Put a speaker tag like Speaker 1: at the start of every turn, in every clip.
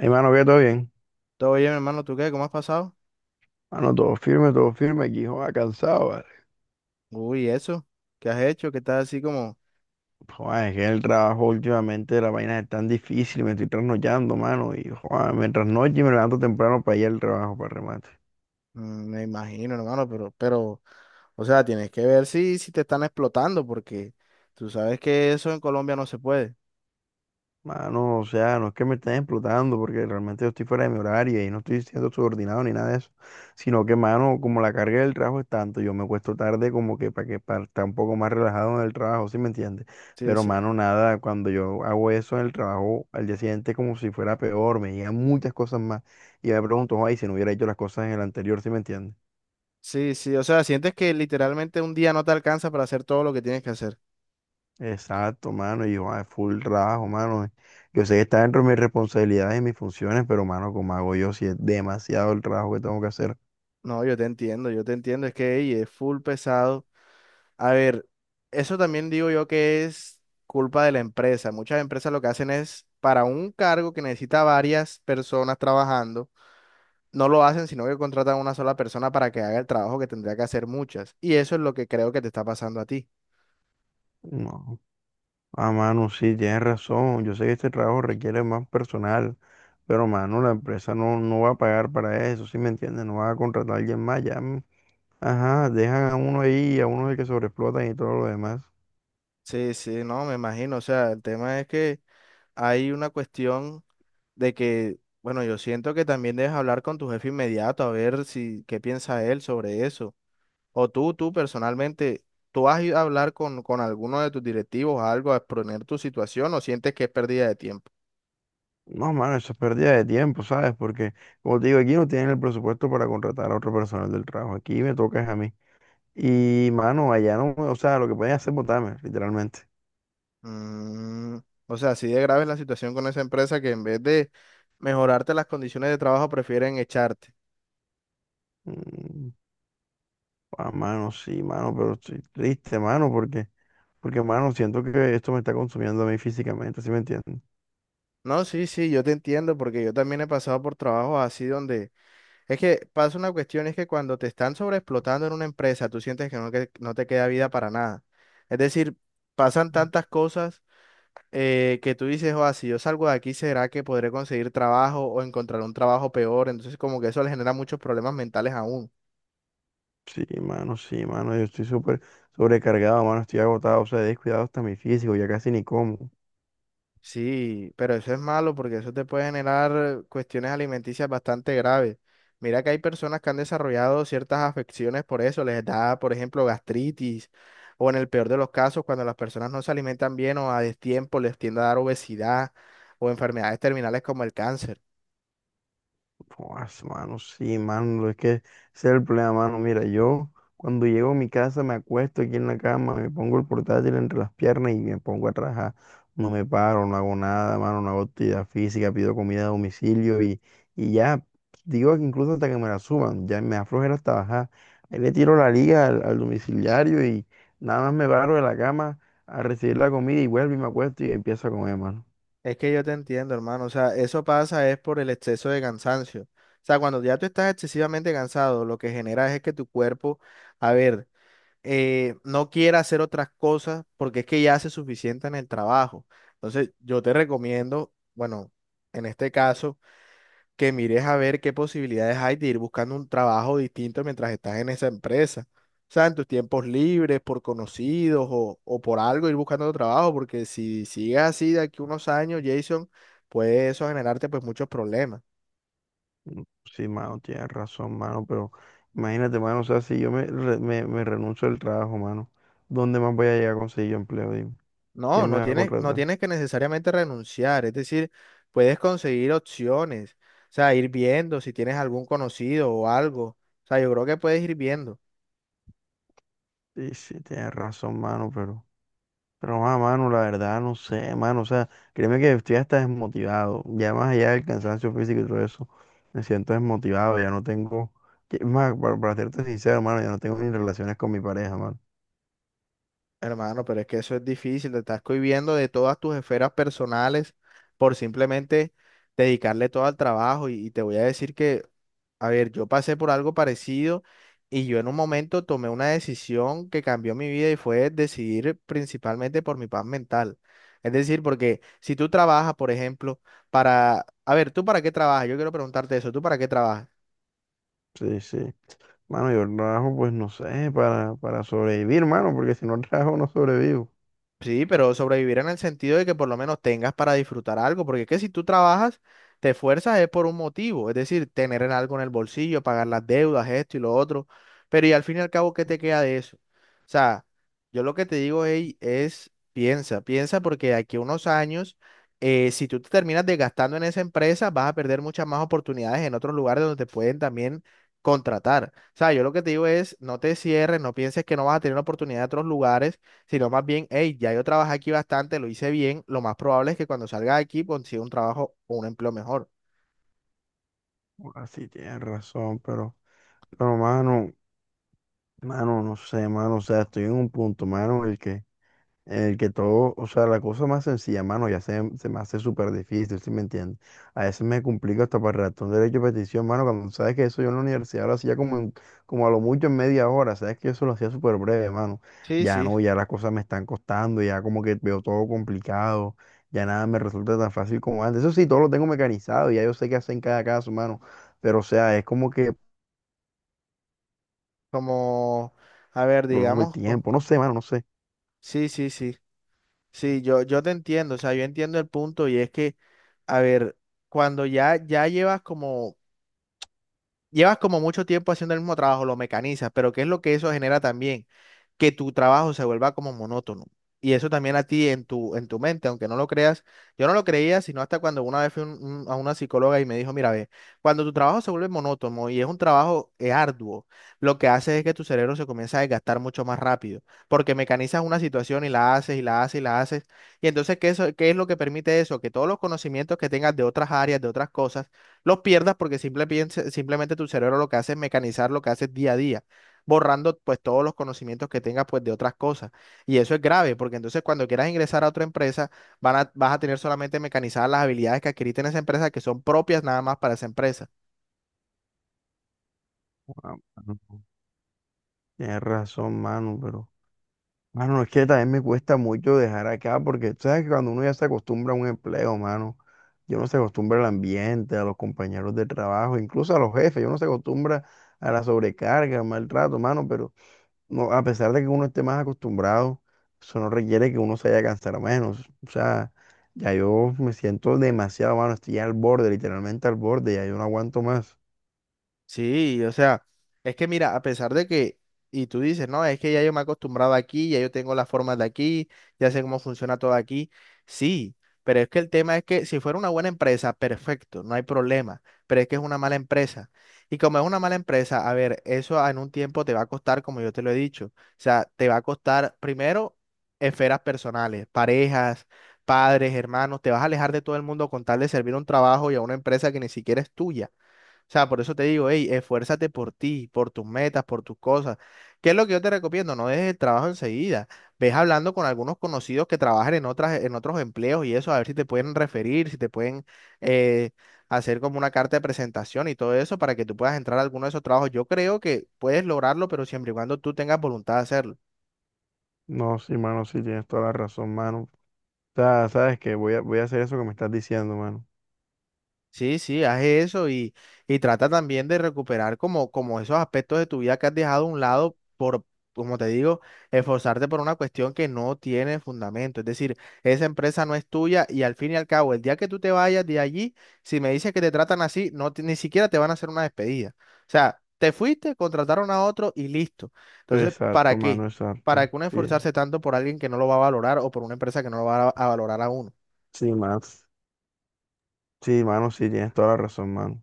Speaker 1: Hey mano que todo bien.
Speaker 2: Todo bien, hermano, ¿tú qué? ¿Cómo has pasado?
Speaker 1: Mano, todo firme, todo firme. Aquí, joder, cansado, ¿vale?
Speaker 2: Uy, eso. ¿Qué has hecho? ¿Qué estás así como?
Speaker 1: Joder, es que el trabajo últimamente, la vaina es tan difícil, me estoy trasnochando, mano. Y, joder, me trasnocho y me levanto temprano para ir al trabajo, para remate.
Speaker 2: Me imagino, hermano, pero, o sea, tienes que ver si te están explotando, porque tú sabes que eso en Colombia no se puede.
Speaker 1: Mano, o sea, no es que me estén explotando porque realmente yo estoy fuera de mi horario y no estoy siendo subordinado ni nada de eso, sino que, mano, como la carga del trabajo es tanto, yo me acuesto tarde como que para estar un poco más relajado en el trabajo, ¿sí me entiendes?
Speaker 2: Sí,
Speaker 1: Pero,
Speaker 2: sí.
Speaker 1: mano, nada, cuando yo hago eso en el trabajo, al día siguiente es como si fuera peor, me llegan muchas cosas más y me pregunto, ay, si no hubiera hecho las cosas en el anterior, ¿sí me entiendes?
Speaker 2: Sí, sí, o sea, sientes que literalmente un día no te alcanza para hacer todo lo que tienes que hacer.
Speaker 1: Exacto, mano, y yo, full trabajo, mano. Yo sé que está dentro de mis responsabilidades y mis funciones, pero, mano, ¿como hago yo si es demasiado el trabajo que tengo que hacer?
Speaker 2: No, yo te entiendo, es que ey, es full pesado. A ver, eso también digo yo que es culpa de la empresa. Muchas empresas lo que hacen es para un cargo que necesita varias personas trabajando no lo hacen, sino que contratan a una sola persona para que haga el trabajo que tendría que hacer muchas. Y eso es lo que creo que te está pasando a ti.
Speaker 1: No. Ah, mano, sí, tienes razón. Yo sé que este trabajo requiere más personal, pero, mano, la empresa no va a pagar para eso, ¿sí me entiendes? No va a contratar a alguien más, ya. Mm, ajá, dejan a uno ahí, a uno es el que sobreexplotan y todo lo demás.
Speaker 2: Sí, sí, no, me imagino. O sea, el tema es que hay una cuestión de que, bueno, yo siento que también debes hablar con tu jefe inmediato a ver si qué piensa él sobre eso. O tú personalmente, ¿tú has ido a hablar con alguno de tus directivos, algo, a exponer tu situación o sientes que es pérdida de tiempo?
Speaker 1: No, mano, eso es pérdida de tiempo, ¿sabes? Porque, como te digo, aquí no tienen el presupuesto para contratar a otro personal del trabajo. Aquí me toca es a mí. Y, mano, allá no, o sea, lo que pueden hacer es botarme, literalmente.
Speaker 2: Mm, o sea, así de grave es la situación con esa empresa que en vez de mejorarte las condiciones de trabajo prefieren echarte.
Speaker 1: Mm, mano, sí, mano, pero estoy triste, mano, porque, mano, siento que esto me está consumiendo a mí físicamente, ¿sí me entiendes?
Speaker 2: No, sí, sí, yo te entiendo porque yo también he pasado por trabajos así donde es que pasa una cuestión, es que cuando te están sobreexplotando en una empresa, tú sientes que no te queda vida para nada. Es decir, pasan tantas cosas que tú dices, o si yo salgo de aquí, ¿será que podré conseguir trabajo o encontrar un trabajo peor? Entonces como que eso le genera muchos problemas mentales aún.
Speaker 1: Sí, mano, yo estoy súper sobrecargado, mano, estoy agotado, o sea, he descuidado hasta mi físico, ya casi ni como.
Speaker 2: Sí, pero eso es malo porque eso te puede generar cuestiones alimenticias bastante graves. Mira que hay personas que han desarrollado ciertas afecciones por eso, les da, por ejemplo, gastritis o en el peor de los casos, cuando las personas no se alimentan bien o a destiempo, les tiende a dar obesidad o enfermedades terminales como el cáncer.
Speaker 1: Pues, mano, sí, mano, es que ese es el problema, mano. Mira, yo cuando llego a mi casa me acuesto aquí en la cama, me pongo el portátil entre las piernas y me pongo a trabajar. No me paro, no hago nada, mano, no hago actividad física, pido comida a domicilio y ya, digo que incluso hasta que me la suban, ya me aflojera hasta bajar. Ahí le tiro la liga al domiciliario y nada más me paro de la cama a recibir la comida y vuelvo y me acuesto y empiezo a comer, mano.
Speaker 2: Es que yo te entiendo, hermano, o sea, eso pasa es por el exceso de cansancio. O sea, cuando ya tú estás excesivamente cansado, lo que genera es que tu cuerpo, a ver, no quiera hacer otras cosas porque es que ya hace suficiente en el trabajo. Entonces, yo te recomiendo, bueno, en este caso, que mires a ver qué posibilidades hay de ir buscando un trabajo distinto mientras estás en esa empresa. O sea, en tus tiempos libres, por conocidos o por algo, ir buscando otro trabajo, porque si sigues así de aquí unos años, Jason, puede eso generarte pues muchos problemas.
Speaker 1: Sí, mano, tienes razón, mano, pero imagínate, mano, o sea, si yo me renuncio al trabajo, mano, ¿dónde más voy a llegar a conseguir yo empleo? Dime,
Speaker 2: No,
Speaker 1: ¿quién me
Speaker 2: no
Speaker 1: va a
Speaker 2: tienes, no
Speaker 1: contratar?
Speaker 2: tienes que necesariamente renunciar, es decir, puedes conseguir opciones, o sea, ir viendo si tienes algún conocido o algo, o sea, yo creo que puedes ir viendo,
Speaker 1: Sí, sí, tienes razón, mano, pero, mano, la verdad, no sé, mano, o sea, créeme que estoy hasta desmotivado, ya más allá del cansancio físico y todo eso, me siento desmotivado, ya no tengo, más, para serte sincero, mano, ya no tengo ni relaciones con mi pareja, mano.
Speaker 2: hermano, pero es que eso es difícil, te estás cohibiendo de todas tus esferas personales por simplemente dedicarle todo al trabajo y te voy a decir que a ver, yo pasé por algo parecido y yo en un momento tomé una decisión que cambió mi vida y fue decidir principalmente por mi paz mental. Es decir, porque si tú trabajas, por ejemplo, para... A ver, ¿tú para qué trabajas? Yo quiero preguntarte eso. ¿Tú para qué trabajas?
Speaker 1: Sí, sí. Mano, yo trabajo, pues no sé, para sobrevivir, mano, porque si no trabajo no sobrevivo.
Speaker 2: Sí, pero sobrevivir en el sentido de que por lo menos tengas para disfrutar algo, porque es que si tú trabajas, te esfuerzas es por un motivo, es decir, tener en algo en el bolsillo, pagar las deudas, esto y lo otro, pero y al fin y al cabo, ¿qué te queda de eso? O sea, yo lo que te digo ey, es, piensa porque de aquí a unos años, si tú te terminas desgastando en esa empresa, vas a perder muchas más oportunidades en otros lugares donde te pueden también contratar. O sea, yo lo que te digo es, no te cierres, no pienses que no vas a tener oportunidad en otros lugares sino más bien, hey, ya yo trabajé aquí bastante, lo hice bien, lo más probable es que cuando salga de aquí consiga un trabajo o un empleo mejor.
Speaker 1: Así tienes razón, pero, pero mano, no sé, mano, o sea, estoy en un punto, mano, en el que todo, o sea, la cosa más sencilla, mano, ya se me hace súper difícil, ¿sí me entiendes? A veces me complica hasta para redactar un derecho de petición, mano, cuando sabes que eso yo en la universidad lo hacía como a lo mucho en media hora, sabes que eso lo hacía súper breve, mano.
Speaker 2: Sí,
Speaker 1: Ya
Speaker 2: sí,
Speaker 1: no, ya las cosas me están costando, ya como que veo todo complicado, ya nada me resulta tan fácil como antes. Eso sí, todo lo tengo mecanizado, ya yo sé qué hacer en cada caso, mano. Pero, o sea, es como que
Speaker 2: como, a ver,
Speaker 1: prolongo el
Speaker 2: digamos,
Speaker 1: tiempo, no sé, mano, no sé.
Speaker 2: sí, sí, sí, sí, yo te entiendo, o sea, yo entiendo el punto y es que, a ver, cuando ya, ya llevas como mucho tiempo haciendo el mismo trabajo, lo mecanizas, pero ¿qué es lo que eso genera también? Que tu trabajo se vuelva como monótono. Y eso también a ti en tu mente, aunque no lo creas, yo no lo creía, sino hasta cuando una vez fui a una psicóloga y me dijo, mira, ve, cuando tu trabajo se vuelve monótono y es un trabajo arduo, lo que hace es que tu cerebro se comienza a desgastar mucho más rápido, porque mecanizas una situación y la haces y la haces y la haces. Y entonces, ¿qué, qué es lo que permite eso? Que todos los conocimientos que tengas de otras áreas, de otras cosas, los pierdas porque simplemente tu cerebro lo que hace es mecanizar lo que haces día a día, borrando pues todos los conocimientos que tengas pues de otras cosas. Y eso es grave porque entonces cuando quieras ingresar a otra empresa vas a tener solamente mecanizadas las habilidades que adquiriste en esa empresa que son propias nada más para esa empresa.
Speaker 1: Ah, mano. Tienes razón, mano, pero. Mano, es que también me cuesta mucho dejar acá porque tú sabes que cuando uno ya se acostumbra a un empleo, mano, yo no se acostumbra al ambiente, a los compañeros de trabajo, incluso a los jefes, yo no se acostumbra a la sobrecarga, al maltrato, mano, pero no, a pesar de que uno esté más acostumbrado, eso no requiere que uno se haya cansado menos. O sea, ya yo me siento demasiado, mano, estoy ya al borde, literalmente al borde, ya yo no aguanto más.
Speaker 2: Sí, o sea, es que mira, a pesar de que, y tú dices, no, es que ya yo me he acostumbrado aquí, ya yo tengo las formas de aquí, ya sé cómo funciona todo aquí, sí, pero es que el tema es que si fuera una buena empresa, perfecto, no hay problema, pero es que es una mala empresa. Y como es una mala empresa, a ver, eso en un tiempo te va a costar, como yo te lo he dicho, o sea, te va a costar primero esferas personales, parejas, padres, hermanos, te vas a alejar de todo el mundo con tal de servir un trabajo y a una empresa que ni siquiera es tuya. O sea, por eso te digo, hey, esfuérzate por ti, por tus metas, por tus cosas. ¿Qué es lo que yo te recomiendo? No dejes el trabajo enseguida. Ves hablando con algunos conocidos que trabajan en otros empleos y eso, a ver si te pueden referir, si te pueden eh, hacer como una carta de presentación y todo eso para que tú puedas entrar a alguno de esos trabajos. Yo creo que puedes lograrlo, pero siempre y cuando tú tengas voluntad de hacerlo.
Speaker 1: No, sí, mano, sí, tienes toda la razón, mano. O sea, sabes que voy a hacer eso que me estás diciendo, mano.
Speaker 2: Sí, sí, haz eso y trata también de recuperar como, como esos aspectos de tu vida que has dejado a un lado por, como te digo, esforzarte por una cuestión que no tiene fundamento. Es decir, esa empresa no es tuya y al fin y al cabo, el día que tú te vayas de allí, si me dices que te tratan así, no, ni siquiera te van a hacer una despedida. O sea, te fuiste, contrataron a otro y listo. Entonces, ¿para
Speaker 1: Exacto,
Speaker 2: qué?
Speaker 1: mano,
Speaker 2: ¿Para
Speaker 1: exacto.
Speaker 2: qué uno
Speaker 1: Sí,
Speaker 2: esforzarse tanto por alguien que no lo va a valorar o por una empresa que no lo va a valorar a uno?
Speaker 1: sí, mano. Sí, mano, sí, tienes toda la razón, mano.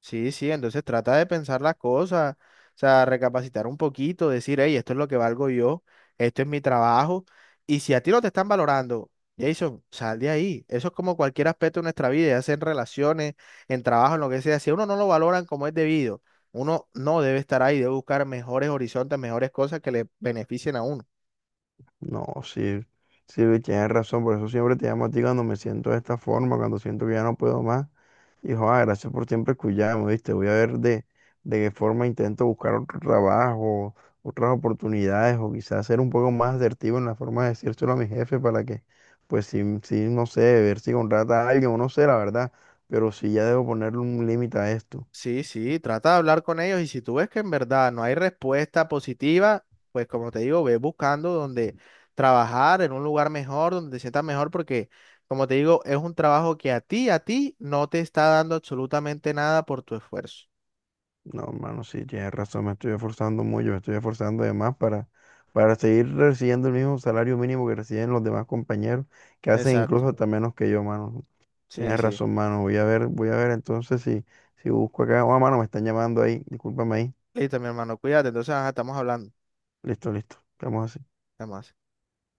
Speaker 2: Sí, sí, entonces trata de pensar las cosas, o sea, recapacitar un poquito, decir, hey, esto es lo que valgo yo, esto es mi trabajo, y si a ti no te están valorando, Jason, sal de ahí. Eso es como cualquier aspecto de nuestra vida, ya sea en relaciones, en trabajo, en lo que sea. Si a uno no lo valoran como es debido, uno no debe estar ahí, debe buscar mejores horizontes, mejores cosas que le beneficien a uno.
Speaker 1: No, sí, sí, tienes razón. Por eso siempre te llamo a ti cuando me siento de esta forma, cuando siento que ya no puedo más. Y joder, gracias por siempre escucharme, ¿viste? Voy a ver de qué forma intento buscar otro trabajo, otras oportunidades, o quizás ser un poco más asertivo en la forma de decírselo a mi jefe para que, pues sí, sí, no sé, ver si contrata a alguien, o no sé, la verdad, pero sí ya debo ponerle un límite a esto.
Speaker 2: Sí, sí, trata de hablar con ellos y si tú ves que en verdad no hay respuesta positiva, pues como te digo, ve buscando donde trabajar en un lugar mejor, donde te sientas mejor, porque como te digo, es un trabajo que a ti no te está dando absolutamente nada por tu esfuerzo.
Speaker 1: No, hermano, sí, tienes razón, me estoy esforzando mucho, me estoy esforzando de más para seguir recibiendo el mismo salario mínimo que reciben los demás compañeros, que hacen incluso
Speaker 2: Exacto.
Speaker 1: hasta menos que yo, hermano.
Speaker 2: Sí,
Speaker 1: Tienes
Speaker 2: sí.
Speaker 1: razón, mano. Voy a ver entonces si busco acá. Oh, mano, me están llamando ahí. Discúlpame ahí.
Speaker 2: Listo, mi hermano, cuídate. Entonces, ajá, estamos hablando.
Speaker 1: Listo, listo. Estamos así.
Speaker 2: Además.